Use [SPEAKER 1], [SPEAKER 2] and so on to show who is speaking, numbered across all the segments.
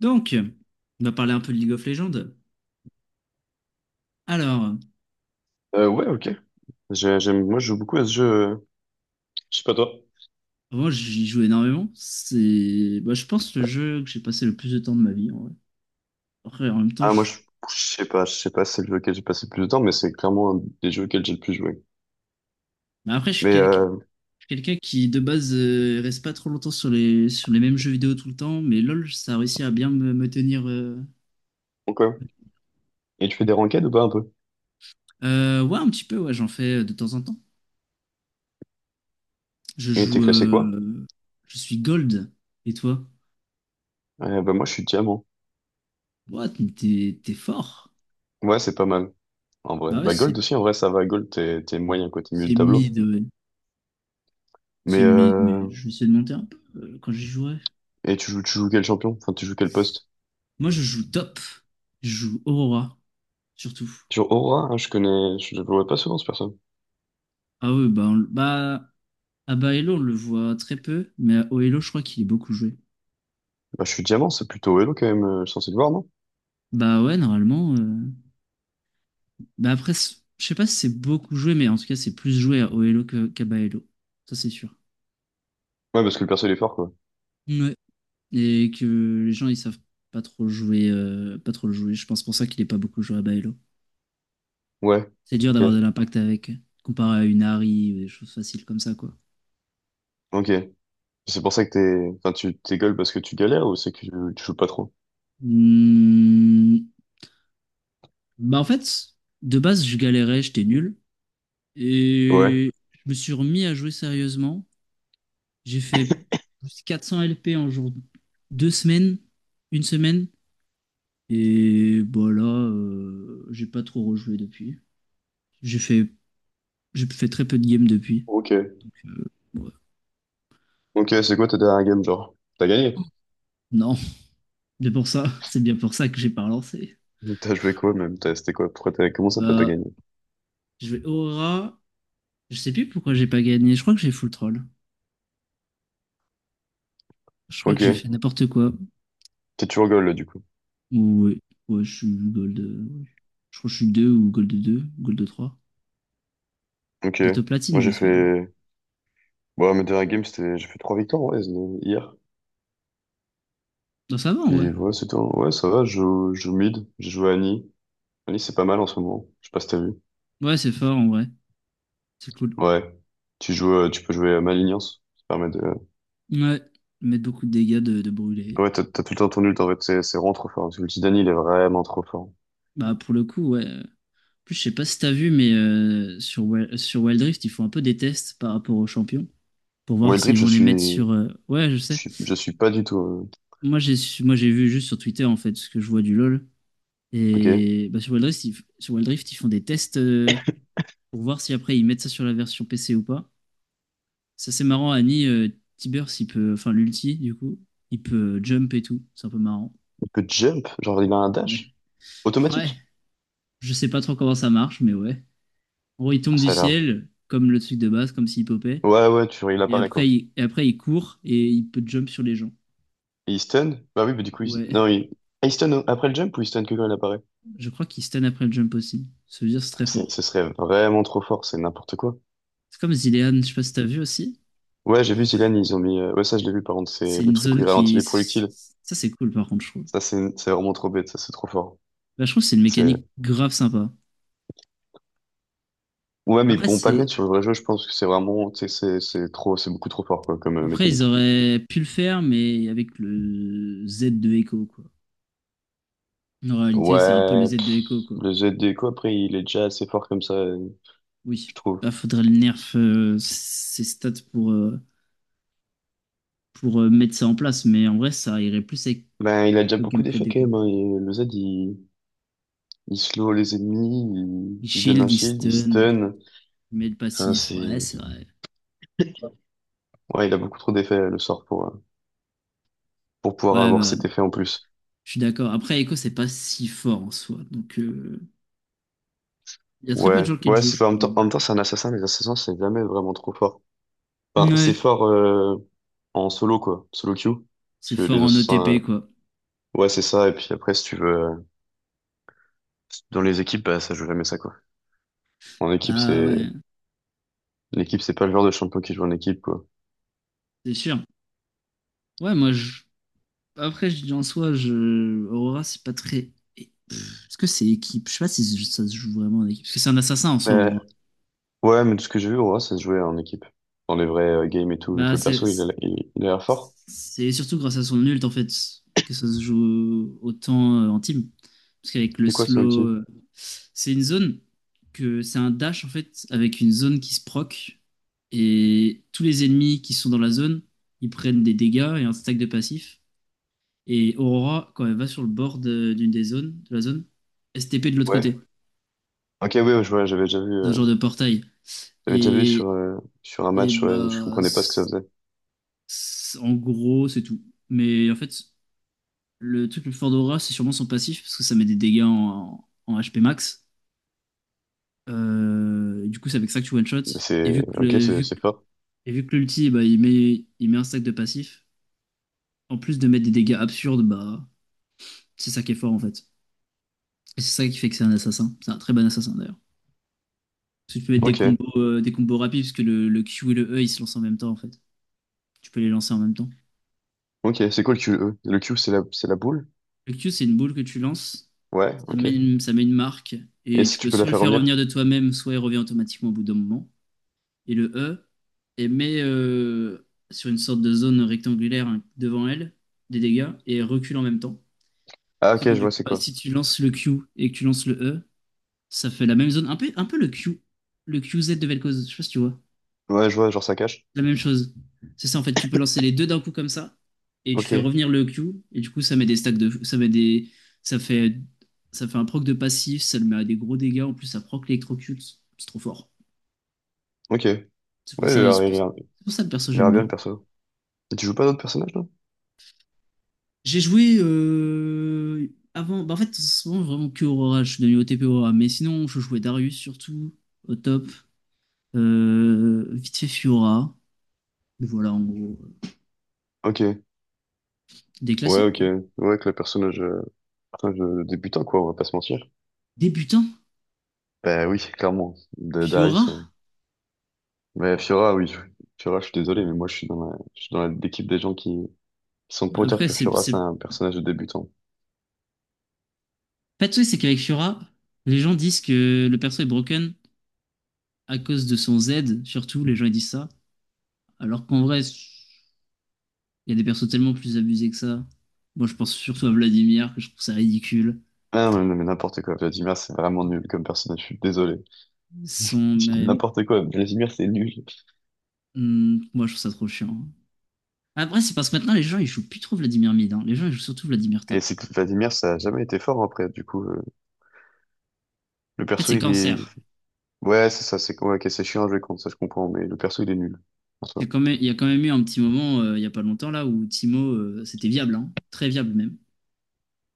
[SPEAKER 1] Donc, on va parler un peu de League of Legends. Alors,
[SPEAKER 2] Ouais, ok. J'aime, moi, je joue beaucoup à ce jeu. Je sais pas toi.
[SPEAKER 1] moi j'y joue énormément. C'est, bah, je pense, le jeu que j'ai passé le plus de temps de ma vie. En vrai. Après, en même temps,
[SPEAKER 2] Ah, moi, je, je sais pas, si c'est le jeu auquel j'ai passé le plus de temps, mais c'est clairement un des jeux auxquels j'ai le plus joué.
[SPEAKER 1] bah, après, je suis
[SPEAKER 2] Mais,
[SPEAKER 1] quelqu'un
[SPEAKER 2] euh,
[SPEAKER 1] quelqu'un qui, de base, reste pas trop longtemps sur les mêmes jeux vidéo tout le temps. Mais LoL, ça a réussi à bien me tenir.
[SPEAKER 2] ok. Et tu fais des ranked ou pas un peu?
[SPEAKER 1] Ouais, un petit peu, ouais, j'en fais de temps en temps. Je
[SPEAKER 2] Et t'es
[SPEAKER 1] joue.
[SPEAKER 2] classé quoi?
[SPEAKER 1] euh, Je suis gold. Et toi?
[SPEAKER 2] Moi, je suis diamant.
[SPEAKER 1] What? Mais t'es fort.
[SPEAKER 2] Ouais, c'est pas mal. En vrai.
[SPEAKER 1] Bah ouais,
[SPEAKER 2] Bah,
[SPEAKER 1] c'est
[SPEAKER 2] gold aussi, en vrai, ça va. Gold, t'es moyen, quoi. T'es milieu
[SPEAKER 1] c'est
[SPEAKER 2] de tableau.
[SPEAKER 1] mid. Ouais. C'est
[SPEAKER 2] Mais,
[SPEAKER 1] mais, mais
[SPEAKER 2] euh,
[SPEAKER 1] je vais essayer de monter un peu quand j'y jouerai.
[SPEAKER 2] et tu joues quel champion? Enfin, tu joues quel poste?
[SPEAKER 1] Moi, je joue top. Je joue Aurora, surtout.
[SPEAKER 2] Tu joues Aura, hein, je connais, je le vois pas souvent, ce perso.
[SPEAKER 1] Ah ouais, bah, bah à Baello, on le voit très peu, mais à Oelo, je crois qu'il est beaucoup joué.
[SPEAKER 2] Bah, je suis diamant, c'est plutôt Elo, quand même, censé le voir, non?
[SPEAKER 1] Bah ouais, normalement. Bah après, je sais pas si c'est beaucoup joué, mais en tout cas, c'est plus joué à Oelo qu'à Baello. Ça, c'est sûr.
[SPEAKER 2] Ouais, parce que le perso, il est fort, quoi.
[SPEAKER 1] Ouais. Et que les gens, ils savent pas trop le jouer. Je pense pour ça qu'il est pas beaucoup joué à Baello.
[SPEAKER 2] Ouais.
[SPEAKER 1] C'est dur
[SPEAKER 2] Ok.
[SPEAKER 1] d'avoir de l'impact avec, comparé à une Harry ou des choses faciles comme ça, quoi.
[SPEAKER 2] Ok. C'est pour ça que enfin, tu t'es gueule parce que tu galères ou c'est que tu joues pas trop?
[SPEAKER 1] Hmm, Bah en fait, de base, je galérais, j'étais nul.
[SPEAKER 2] Ouais.
[SPEAKER 1] Et je me suis remis à jouer sérieusement. J'ai fait plus 400 LP en jour, 2 semaines, 1 semaine. Et voilà, j'ai pas trop rejoué depuis. J'ai fait, j'ai fait très peu de games depuis.
[SPEAKER 2] Ok.
[SPEAKER 1] Euh, ouais.
[SPEAKER 2] Ok, c'est quoi ta dernière game, genre? T'as gagné?
[SPEAKER 1] Non, c'est bien pour ça que j'ai pas relancé.
[SPEAKER 2] T'as joué quoi même? C'était quoi? Pourquoi comment ça t'as pas
[SPEAKER 1] Bah,
[SPEAKER 2] gagné?
[SPEAKER 1] je vais Aurora. Je sais plus pourquoi j'ai pas gagné. Je crois que j'ai full troll. Je crois que j'ai fait
[SPEAKER 2] Ok.
[SPEAKER 1] n'importe quoi.
[SPEAKER 2] T'es toujours goal, là, du coup.
[SPEAKER 1] Ouais, ouais, je suis gold. Ouais. Je crois que je suis 2 ou gold 2, gold 3.
[SPEAKER 2] Ok.
[SPEAKER 1] Peut-être platine,
[SPEAKER 2] Moi, j'ai
[SPEAKER 1] j'espère.
[SPEAKER 2] fait, bon, mes dernières games, j'ai fait trois victoires, ouais, hier.
[SPEAKER 1] Non, ça va en vrai.
[SPEAKER 2] Puis, ouais, c'était Ouais, ça va, je joue mid. J'ai joué Annie. Annie, c'est pas mal en ce moment. Je sais pas si t'as vu.
[SPEAKER 1] Ouais, c'est fort en vrai. C'est cool.
[SPEAKER 2] Ouais. Tu joues, tu peux jouer à Malignance.
[SPEAKER 1] Ouais, mettre beaucoup de dégâts de brûler.
[SPEAKER 2] Ouais, t'as tout le temps ton ult, en fait. C'est vraiment trop fort. L'ulti d'Annie, il est vraiment trop fort.
[SPEAKER 1] Bah, pour le coup, ouais. En plus, je sais pas si t'as vu, mais sur Wild Rift, ils font un peu des tests par rapport aux champions pour voir
[SPEAKER 2] Wild Rift,
[SPEAKER 1] s'ils
[SPEAKER 2] je
[SPEAKER 1] vont les
[SPEAKER 2] suis,
[SPEAKER 1] mettre sur. Ouais, je
[SPEAKER 2] je
[SPEAKER 1] sais.
[SPEAKER 2] suis, je suis pas du tout.
[SPEAKER 1] Moi, j'ai vu juste sur Twitter en fait ce que je vois du LoL.
[SPEAKER 2] Ok.
[SPEAKER 1] Et bah, sur Wild Rift, ils font des tests pour voir si après ils mettent ça sur la version PC ou pas. Ça, c'est marrant, Annie, Tibers, il peut. Enfin, l'ulti, du coup, il peut jump et tout. C'est un peu marrant.
[SPEAKER 2] Il peut jump, genre il a un
[SPEAKER 1] Ouais.
[SPEAKER 2] dash
[SPEAKER 1] Ouais.
[SPEAKER 2] automatique.
[SPEAKER 1] Je sais pas trop comment ça marche, mais ouais. En gros, il
[SPEAKER 2] Ah,
[SPEAKER 1] tombe du
[SPEAKER 2] ça a l'air.
[SPEAKER 1] ciel, comme le truc de base, comme s'il popait.
[SPEAKER 2] Ouais, ouais, vois, il
[SPEAKER 1] Et
[SPEAKER 2] apparaît
[SPEAKER 1] après,
[SPEAKER 2] quoi.
[SPEAKER 1] il court et il peut jump sur les gens.
[SPEAKER 2] Et il stun? Bah oui, mais du coup,
[SPEAKER 1] Ouais.
[SPEAKER 2] non, ah, il stun après le jump ou il stun que quand il apparaît?
[SPEAKER 1] Je crois qu'il stun après le jump aussi. Ça veut dire que c'est très fort.
[SPEAKER 2] Ce serait vraiment trop fort, c'est n'importe quoi.
[SPEAKER 1] C'est comme Zilean, je sais pas si t'as vu aussi.
[SPEAKER 2] Ouais, j'ai vu Zilan, ils ont mis. Ouais, ça, je l'ai vu par contre, c'est
[SPEAKER 1] C'est
[SPEAKER 2] le
[SPEAKER 1] une
[SPEAKER 2] truc où
[SPEAKER 1] zone
[SPEAKER 2] il ralentit
[SPEAKER 1] qui.
[SPEAKER 2] les projectiles.
[SPEAKER 1] Ça, c'est cool, par contre, je trouve.
[SPEAKER 2] Ça, c'est vraiment trop bête, ça, c'est trop fort.
[SPEAKER 1] Bah, je trouve que c'est une
[SPEAKER 2] C'est.
[SPEAKER 1] mécanique grave sympa.
[SPEAKER 2] Ouais, mais ils
[SPEAKER 1] Après,
[SPEAKER 2] pourront pas le
[SPEAKER 1] c'est
[SPEAKER 2] mettre sur le vrai jeu, je pense que c'est vraiment. Tu sais, c'est trop, c'est beaucoup trop fort, quoi, comme
[SPEAKER 1] Après, ils
[SPEAKER 2] mécanique.
[SPEAKER 1] auraient pu le faire, mais avec le Z de Echo, quoi. En réalité, c'est un peu le
[SPEAKER 2] Ouais,
[SPEAKER 1] Z de
[SPEAKER 2] pff,
[SPEAKER 1] Echo, quoi.
[SPEAKER 2] le Zdeco, après, il est déjà assez fort comme ça, je
[SPEAKER 1] Oui.
[SPEAKER 2] trouve.
[SPEAKER 1] Bah, faudrait le nerf ses stats pour mettre ça en place, mais en vrai, ça irait plus avec
[SPEAKER 2] Ben, il a déjà
[SPEAKER 1] le
[SPEAKER 2] beaucoup
[SPEAKER 1] gameplay
[SPEAKER 2] d'effets quand
[SPEAKER 1] d'Echo.
[SPEAKER 2] même, hein. Et le Z, il slow les ennemis,
[SPEAKER 1] Il
[SPEAKER 2] il donne un
[SPEAKER 1] shield, il
[SPEAKER 2] shield, il
[SPEAKER 1] stun,
[SPEAKER 2] stun.
[SPEAKER 1] il met le
[SPEAKER 2] Enfin,
[SPEAKER 1] passif.
[SPEAKER 2] c'est,
[SPEAKER 1] Ouais, c'est vrai.
[SPEAKER 2] ouais, il a beaucoup trop d'effets, le sort, pour pouvoir
[SPEAKER 1] Ouais,
[SPEAKER 2] avoir
[SPEAKER 1] bah,
[SPEAKER 2] cet effet en plus.
[SPEAKER 1] je suis d'accord. Après, Echo, c'est pas si fort en soi. Donc, il y a très peu de
[SPEAKER 2] Ouais,
[SPEAKER 1] gens qui le
[SPEAKER 2] ouais,
[SPEAKER 1] jouent,
[SPEAKER 2] c'est
[SPEAKER 1] je
[SPEAKER 2] pas,
[SPEAKER 1] crois.
[SPEAKER 2] en même temps, c'est un assassin, les assassins, c'est jamais vraiment trop fort. Enfin,
[SPEAKER 1] Ouais.
[SPEAKER 2] c'est fort, en solo, quoi, solo queue. Parce
[SPEAKER 1] C'est
[SPEAKER 2] que
[SPEAKER 1] fort
[SPEAKER 2] les
[SPEAKER 1] en
[SPEAKER 2] assassins,
[SPEAKER 1] OTP, quoi.
[SPEAKER 2] ouais, c'est ça, et puis après, si tu veux, dans les équipes, bah, ça joue jamais ça, quoi. En équipe,
[SPEAKER 1] Bah,
[SPEAKER 2] c'est,
[SPEAKER 1] ouais,
[SPEAKER 2] L'équipe, c'est pas le genre de champion qui joue en équipe, quoi.
[SPEAKER 1] c'est sûr. Ouais, moi, je Après, je dis en soi, Aurora, c'est pas très. Est-ce que c'est équipe? Je sais pas si ça se joue vraiment en équipe. Parce que c'est un assassin en soi,
[SPEAKER 2] Mais,
[SPEAKER 1] Aurora.
[SPEAKER 2] ouais, mais de ce que j'ai vu, on voit, ça se jouait en équipe. Dans les vrais games et tout, vu
[SPEAKER 1] Bah,
[SPEAKER 2] que le
[SPEAKER 1] c'est
[SPEAKER 2] perso, il a l'air fort.
[SPEAKER 1] c'est surtout grâce à son ult, en fait, que ça se joue autant en team. Parce qu'avec le
[SPEAKER 2] C'est quoi son
[SPEAKER 1] slow,
[SPEAKER 2] outil?
[SPEAKER 1] c'est une zone que c'est un dash, en fait, avec une zone qui se proc. Et tous les ennemis qui sont dans la zone, ils prennent des dégâts et un stack de passif. Et Aurora, quand elle va sur le bord d'une des zones, de la zone, STP de l'autre
[SPEAKER 2] Ouais.
[SPEAKER 1] côté.
[SPEAKER 2] Ok, oui, ouais, je vois,
[SPEAKER 1] Un genre de portail.
[SPEAKER 2] j'avais déjà vu
[SPEAKER 1] Et,
[SPEAKER 2] sur, sur un
[SPEAKER 1] et
[SPEAKER 2] match, ouais, mais je
[SPEAKER 1] bah,
[SPEAKER 2] comprenais pas ce que ça faisait.
[SPEAKER 1] en gros, c'est tout. Mais en fait, le truc le plus fort d'Aura, c'est sûrement son passif, parce que ça met des dégâts en HP max. Et du coup, c'est avec ça que tu one-shot. Et vu que
[SPEAKER 2] Ok,
[SPEAKER 1] le, vu, que-
[SPEAKER 2] c'est fort.
[SPEAKER 1] et vu que l'ulti, bah, il met un stack de passif, en plus de mettre des dégâts absurdes, bah, c'est ça qui est fort en fait. Et c'est ça qui fait que c'est un assassin. C'est un très bon assassin d'ailleurs. Parce que tu peux mettre
[SPEAKER 2] Ok,
[SPEAKER 1] des combos rapides, parce que le Q et le E, ils se lancent en même temps en fait. Tu peux les lancer en même temps.
[SPEAKER 2] ok, c'est quoi le QE? Le Q, c'est la boule?
[SPEAKER 1] Le Q, c'est une boule que tu lances,
[SPEAKER 2] Ouais, ok.
[SPEAKER 1] ça met une marque,
[SPEAKER 2] Et
[SPEAKER 1] et
[SPEAKER 2] si
[SPEAKER 1] tu
[SPEAKER 2] tu
[SPEAKER 1] peux
[SPEAKER 2] peux la
[SPEAKER 1] soit le
[SPEAKER 2] faire
[SPEAKER 1] faire
[SPEAKER 2] revenir?
[SPEAKER 1] revenir de toi-même, soit il revient automatiquement au bout d'un moment. Et le E, elle met sur une sorte de zone rectangulaire hein, devant elle des dégâts et elle recule en même temps.
[SPEAKER 2] Ah,
[SPEAKER 1] Sauf
[SPEAKER 2] ok,
[SPEAKER 1] que
[SPEAKER 2] je vois,
[SPEAKER 1] du coup,
[SPEAKER 2] c'est
[SPEAKER 1] bah,
[SPEAKER 2] quoi?
[SPEAKER 1] si tu lances le Q et que tu lances le E, ça fait la même zone, un peu le Q, le QZ de Vel'Koz, je sais pas si tu vois
[SPEAKER 2] Ouais, je vois, genre ça cache.
[SPEAKER 1] la même chose. C'est ça, en fait, tu peux lancer les deux d'un coup comme ça, et tu fais
[SPEAKER 2] Ok,
[SPEAKER 1] revenir le Q, et du coup, ça met des stacks de. Ça met des. Ça fait. Ça fait un proc de passif, ça le met à des gros dégâts, en plus ça proc l'électrocute. C'est trop fort.
[SPEAKER 2] ok. Ouais, il a l'air, il a l'air
[SPEAKER 1] C'est pour ça le perso
[SPEAKER 2] il a
[SPEAKER 1] j'aime
[SPEAKER 2] l'air bien,
[SPEAKER 1] bien.
[SPEAKER 2] le perso. Et tu joues pas d'autres personnages, non?
[SPEAKER 1] J'ai joué avant. Bah, en fait, souvent vraiment que Aurora, je suis devenu OTP Aurora, mais sinon je jouais Darius surtout, au top. Vite fait Fiora. Voilà en gros.
[SPEAKER 2] Ok.
[SPEAKER 1] Des
[SPEAKER 2] Ouais,
[SPEAKER 1] classiques
[SPEAKER 2] ok.
[SPEAKER 1] quoi.
[SPEAKER 2] Ouais, que le personnage, putain, débutant, quoi, on va pas se mentir.
[SPEAKER 1] Débutants.
[SPEAKER 2] Bah oui, clairement, de
[SPEAKER 1] Fiora.
[SPEAKER 2] Darius. Mais Fiora, Fiora, je suis désolé, mais moi, je suis dans l'équipe des gens qui sont pour dire
[SPEAKER 1] Après,
[SPEAKER 2] que Fiora, c'est
[SPEAKER 1] c'est
[SPEAKER 2] un personnage de débutant.
[SPEAKER 1] pas de souci, c'est qu'avec Fiora, les gens disent que le perso est broken à cause de son Z, surtout, les gens ils disent ça. Alors qu'en vrai, il y a des persos tellement plus abusés que ça. Moi, je pense surtout à Vladimir, que je trouve ça ridicule.
[SPEAKER 2] Ah, mais n'importe quoi, Vladimir, c'est vraiment nul comme personnage, je suis désolé.
[SPEAKER 1] Son.
[SPEAKER 2] Tu dis
[SPEAKER 1] Mais,
[SPEAKER 2] n'importe quoi, Vladimir, c'est nul.
[SPEAKER 1] moi, je trouve ça trop chiant. Après, c'est parce que maintenant, les gens, ils jouent plus trop Vladimir mid. Hein. Les gens, ils jouent surtout Vladimir
[SPEAKER 2] Et
[SPEAKER 1] top.
[SPEAKER 2] c'est que Vladimir, ça a jamais été fort, après, le
[SPEAKER 1] En fait,
[SPEAKER 2] perso,
[SPEAKER 1] c'est
[SPEAKER 2] il est...
[SPEAKER 1] cancer.
[SPEAKER 2] Ouais, c'est ça, c'est ouais, ok, c'est chiant à jouer contre, ça, je comprends, mais le perso, il est nul, en soi.
[SPEAKER 1] Il y a quand même eu un petit moment, il y a pas longtemps, là, où Timo, c'était viable, hein. Très viable même.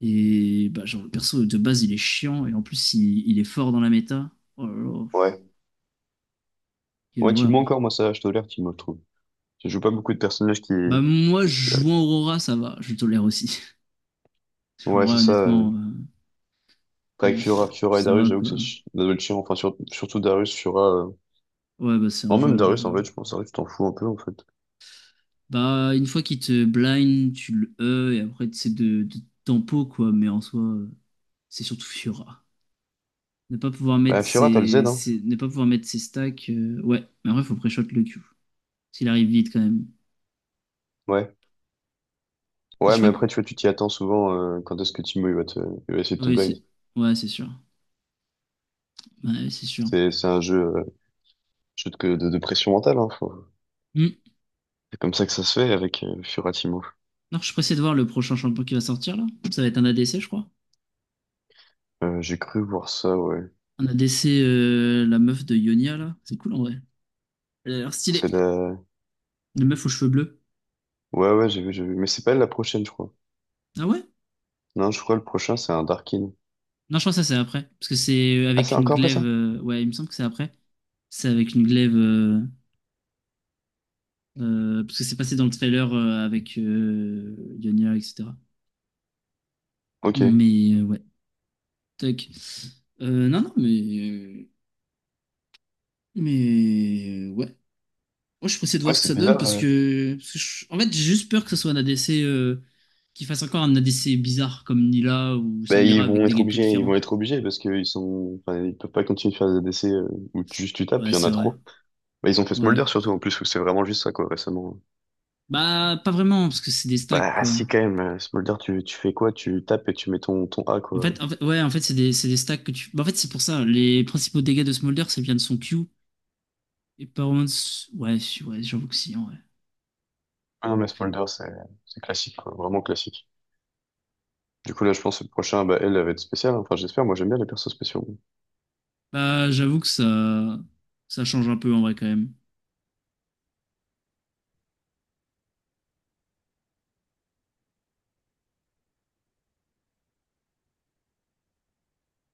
[SPEAKER 1] Et bah, genre, le perso de base, il est chiant, et en plus, il est fort dans la méta. Oh là là,
[SPEAKER 2] Ouais.
[SPEAKER 1] quelle
[SPEAKER 2] Ouais,
[SPEAKER 1] horreur.
[SPEAKER 2] Timo
[SPEAKER 1] Hein.
[SPEAKER 2] encore, moi, ça, je tolère Timo, je trouve. Je joue pas beaucoup de personnages qui...
[SPEAKER 1] Bah, moi,
[SPEAKER 2] qui- euh,
[SPEAKER 1] jouant Aurora, ça va, je tolère aussi. En
[SPEAKER 2] ouais,
[SPEAKER 1] vrai,
[SPEAKER 2] c'est ça.
[SPEAKER 1] honnêtement,
[SPEAKER 2] Après, avec Fiora, Fiora et
[SPEAKER 1] ça
[SPEAKER 2] Darius,
[SPEAKER 1] va
[SPEAKER 2] j'avoue
[SPEAKER 1] quoi.
[SPEAKER 2] que ça doit être chiant. Enfin, surtout Darius, Fiora...
[SPEAKER 1] Ouais, bah, c'est
[SPEAKER 2] Non, même
[SPEAKER 1] injouable.
[SPEAKER 2] Darius, en
[SPEAKER 1] Ouais.
[SPEAKER 2] fait, je pense. Darius, tu t'en fous un peu, en fait.
[SPEAKER 1] Bah, une fois qu'il te blind, tu le E, et après, c'est de tempo quoi, mais en soi, c'est surtout Fiora.
[SPEAKER 2] Ouais, Fiora, t'as le Z, hein?
[SPEAKER 1] Ne pas pouvoir mettre ses stacks, ouais, mais en vrai, faut pré-shot le Q. S'il arrive vite quand même.
[SPEAKER 2] Ouais.
[SPEAKER 1] Et
[SPEAKER 2] Ouais,
[SPEAKER 1] je
[SPEAKER 2] mais
[SPEAKER 1] crois que.
[SPEAKER 2] après, tu vois, tu t'y attends souvent quand est-ce que Timo, il va te... il va essayer de te
[SPEAKER 1] Oui,
[SPEAKER 2] blind.
[SPEAKER 1] c'est. Ouais, c'est sûr. Ouais, c'est sûr.
[SPEAKER 2] C'est un jeu, jeu de... de pression mentale, hein.
[SPEAKER 1] Hmm.
[SPEAKER 2] C'est comme ça que ça se fait avec Fiora Timo.
[SPEAKER 1] Non, je suis pressé de voir le prochain champion qui va sortir là. Ça va être un ADC, je crois.
[SPEAKER 2] J'ai cru voir ça, ouais.
[SPEAKER 1] Un ADC, la meuf de Ionia là. C'est cool en vrai. Elle a l'air stylée.
[SPEAKER 2] C'est la...
[SPEAKER 1] La meuf aux cheveux bleus.
[SPEAKER 2] Ouais, ouais, j'ai vu, j'ai vu. Mais c'est pas elle la prochaine, je crois.
[SPEAKER 1] Ah ouais?
[SPEAKER 2] Non, je crois que le prochain, c'est un Darkin.
[SPEAKER 1] Non, je crois que ça c'est après. Parce que c'est
[SPEAKER 2] Ah,
[SPEAKER 1] avec
[SPEAKER 2] c'est
[SPEAKER 1] une
[SPEAKER 2] encore après
[SPEAKER 1] glaive.
[SPEAKER 2] ça?
[SPEAKER 1] Ouais, il me semble que c'est après. C'est avec une glaive. Parce que c'est passé dans le trailer avec Ionia, etc.
[SPEAKER 2] Ok.
[SPEAKER 1] Mais ouais. Toc. Non, non, mais. Mais. Ouais. Moi, je suis pressé de voir
[SPEAKER 2] Ouais,
[SPEAKER 1] ce que
[SPEAKER 2] c'est
[SPEAKER 1] ça donne
[SPEAKER 2] bizarre.
[SPEAKER 1] parce que en fait, j'ai juste peur que ce soit un ADC qui fasse encore un ADC bizarre comme Nila ou
[SPEAKER 2] Ben,
[SPEAKER 1] Samira avec des gameplays
[SPEAKER 2] ils vont
[SPEAKER 1] différents.
[SPEAKER 2] être obligés parce qu'ils sont, enfin, ils peuvent pas continuer de faire des essais où juste tu tapes,
[SPEAKER 1] Ouais,
[SPEAKER 2] il y en
[SPEAKER 1] c'est
[SPEAKER 2] a
[SPEAKER 1] vrai.
[SPEAKER 2] trop. Ben, ils ont fait Smolder
[SPEAKER 1] Ouais.
[SPEAKER 2] surtout en plus où c'est vraiment juste ça quoi récemment.
[SPEAKER 1] Bah, pas vraiment parce que c'est des stacks
[SPEAKER 2] Bah ah,
[SPEAKER 1] quoi.
[SPEAKER 2] si quand même, Smolder tu fais quoi? Tu tapes et tu mets ton A
[SPEAKER 1] En
[SPEAKER 2] quoi.
[SPEAKER 1] fait, en fait, ouais, en fait, c'est des stacks que tu. Bah, en fait, c'est pour ça. Les principaux dégâts de Smolder, c'est bien de son Q. Et par contre, ouais, ouais, j'avoue que si, en vrai.
[SPEAKER 2] Ah non mais Smolder c'est classique quoi, vraiment classique. Du coup là je pense que le prochain bah elle va être spéciale. Hein. Enfin j'espère, moi j'aime bien les persos spéciaux.
[SPEAKER 1] Bah, j'avoue que ça change un peu en vrai quand même.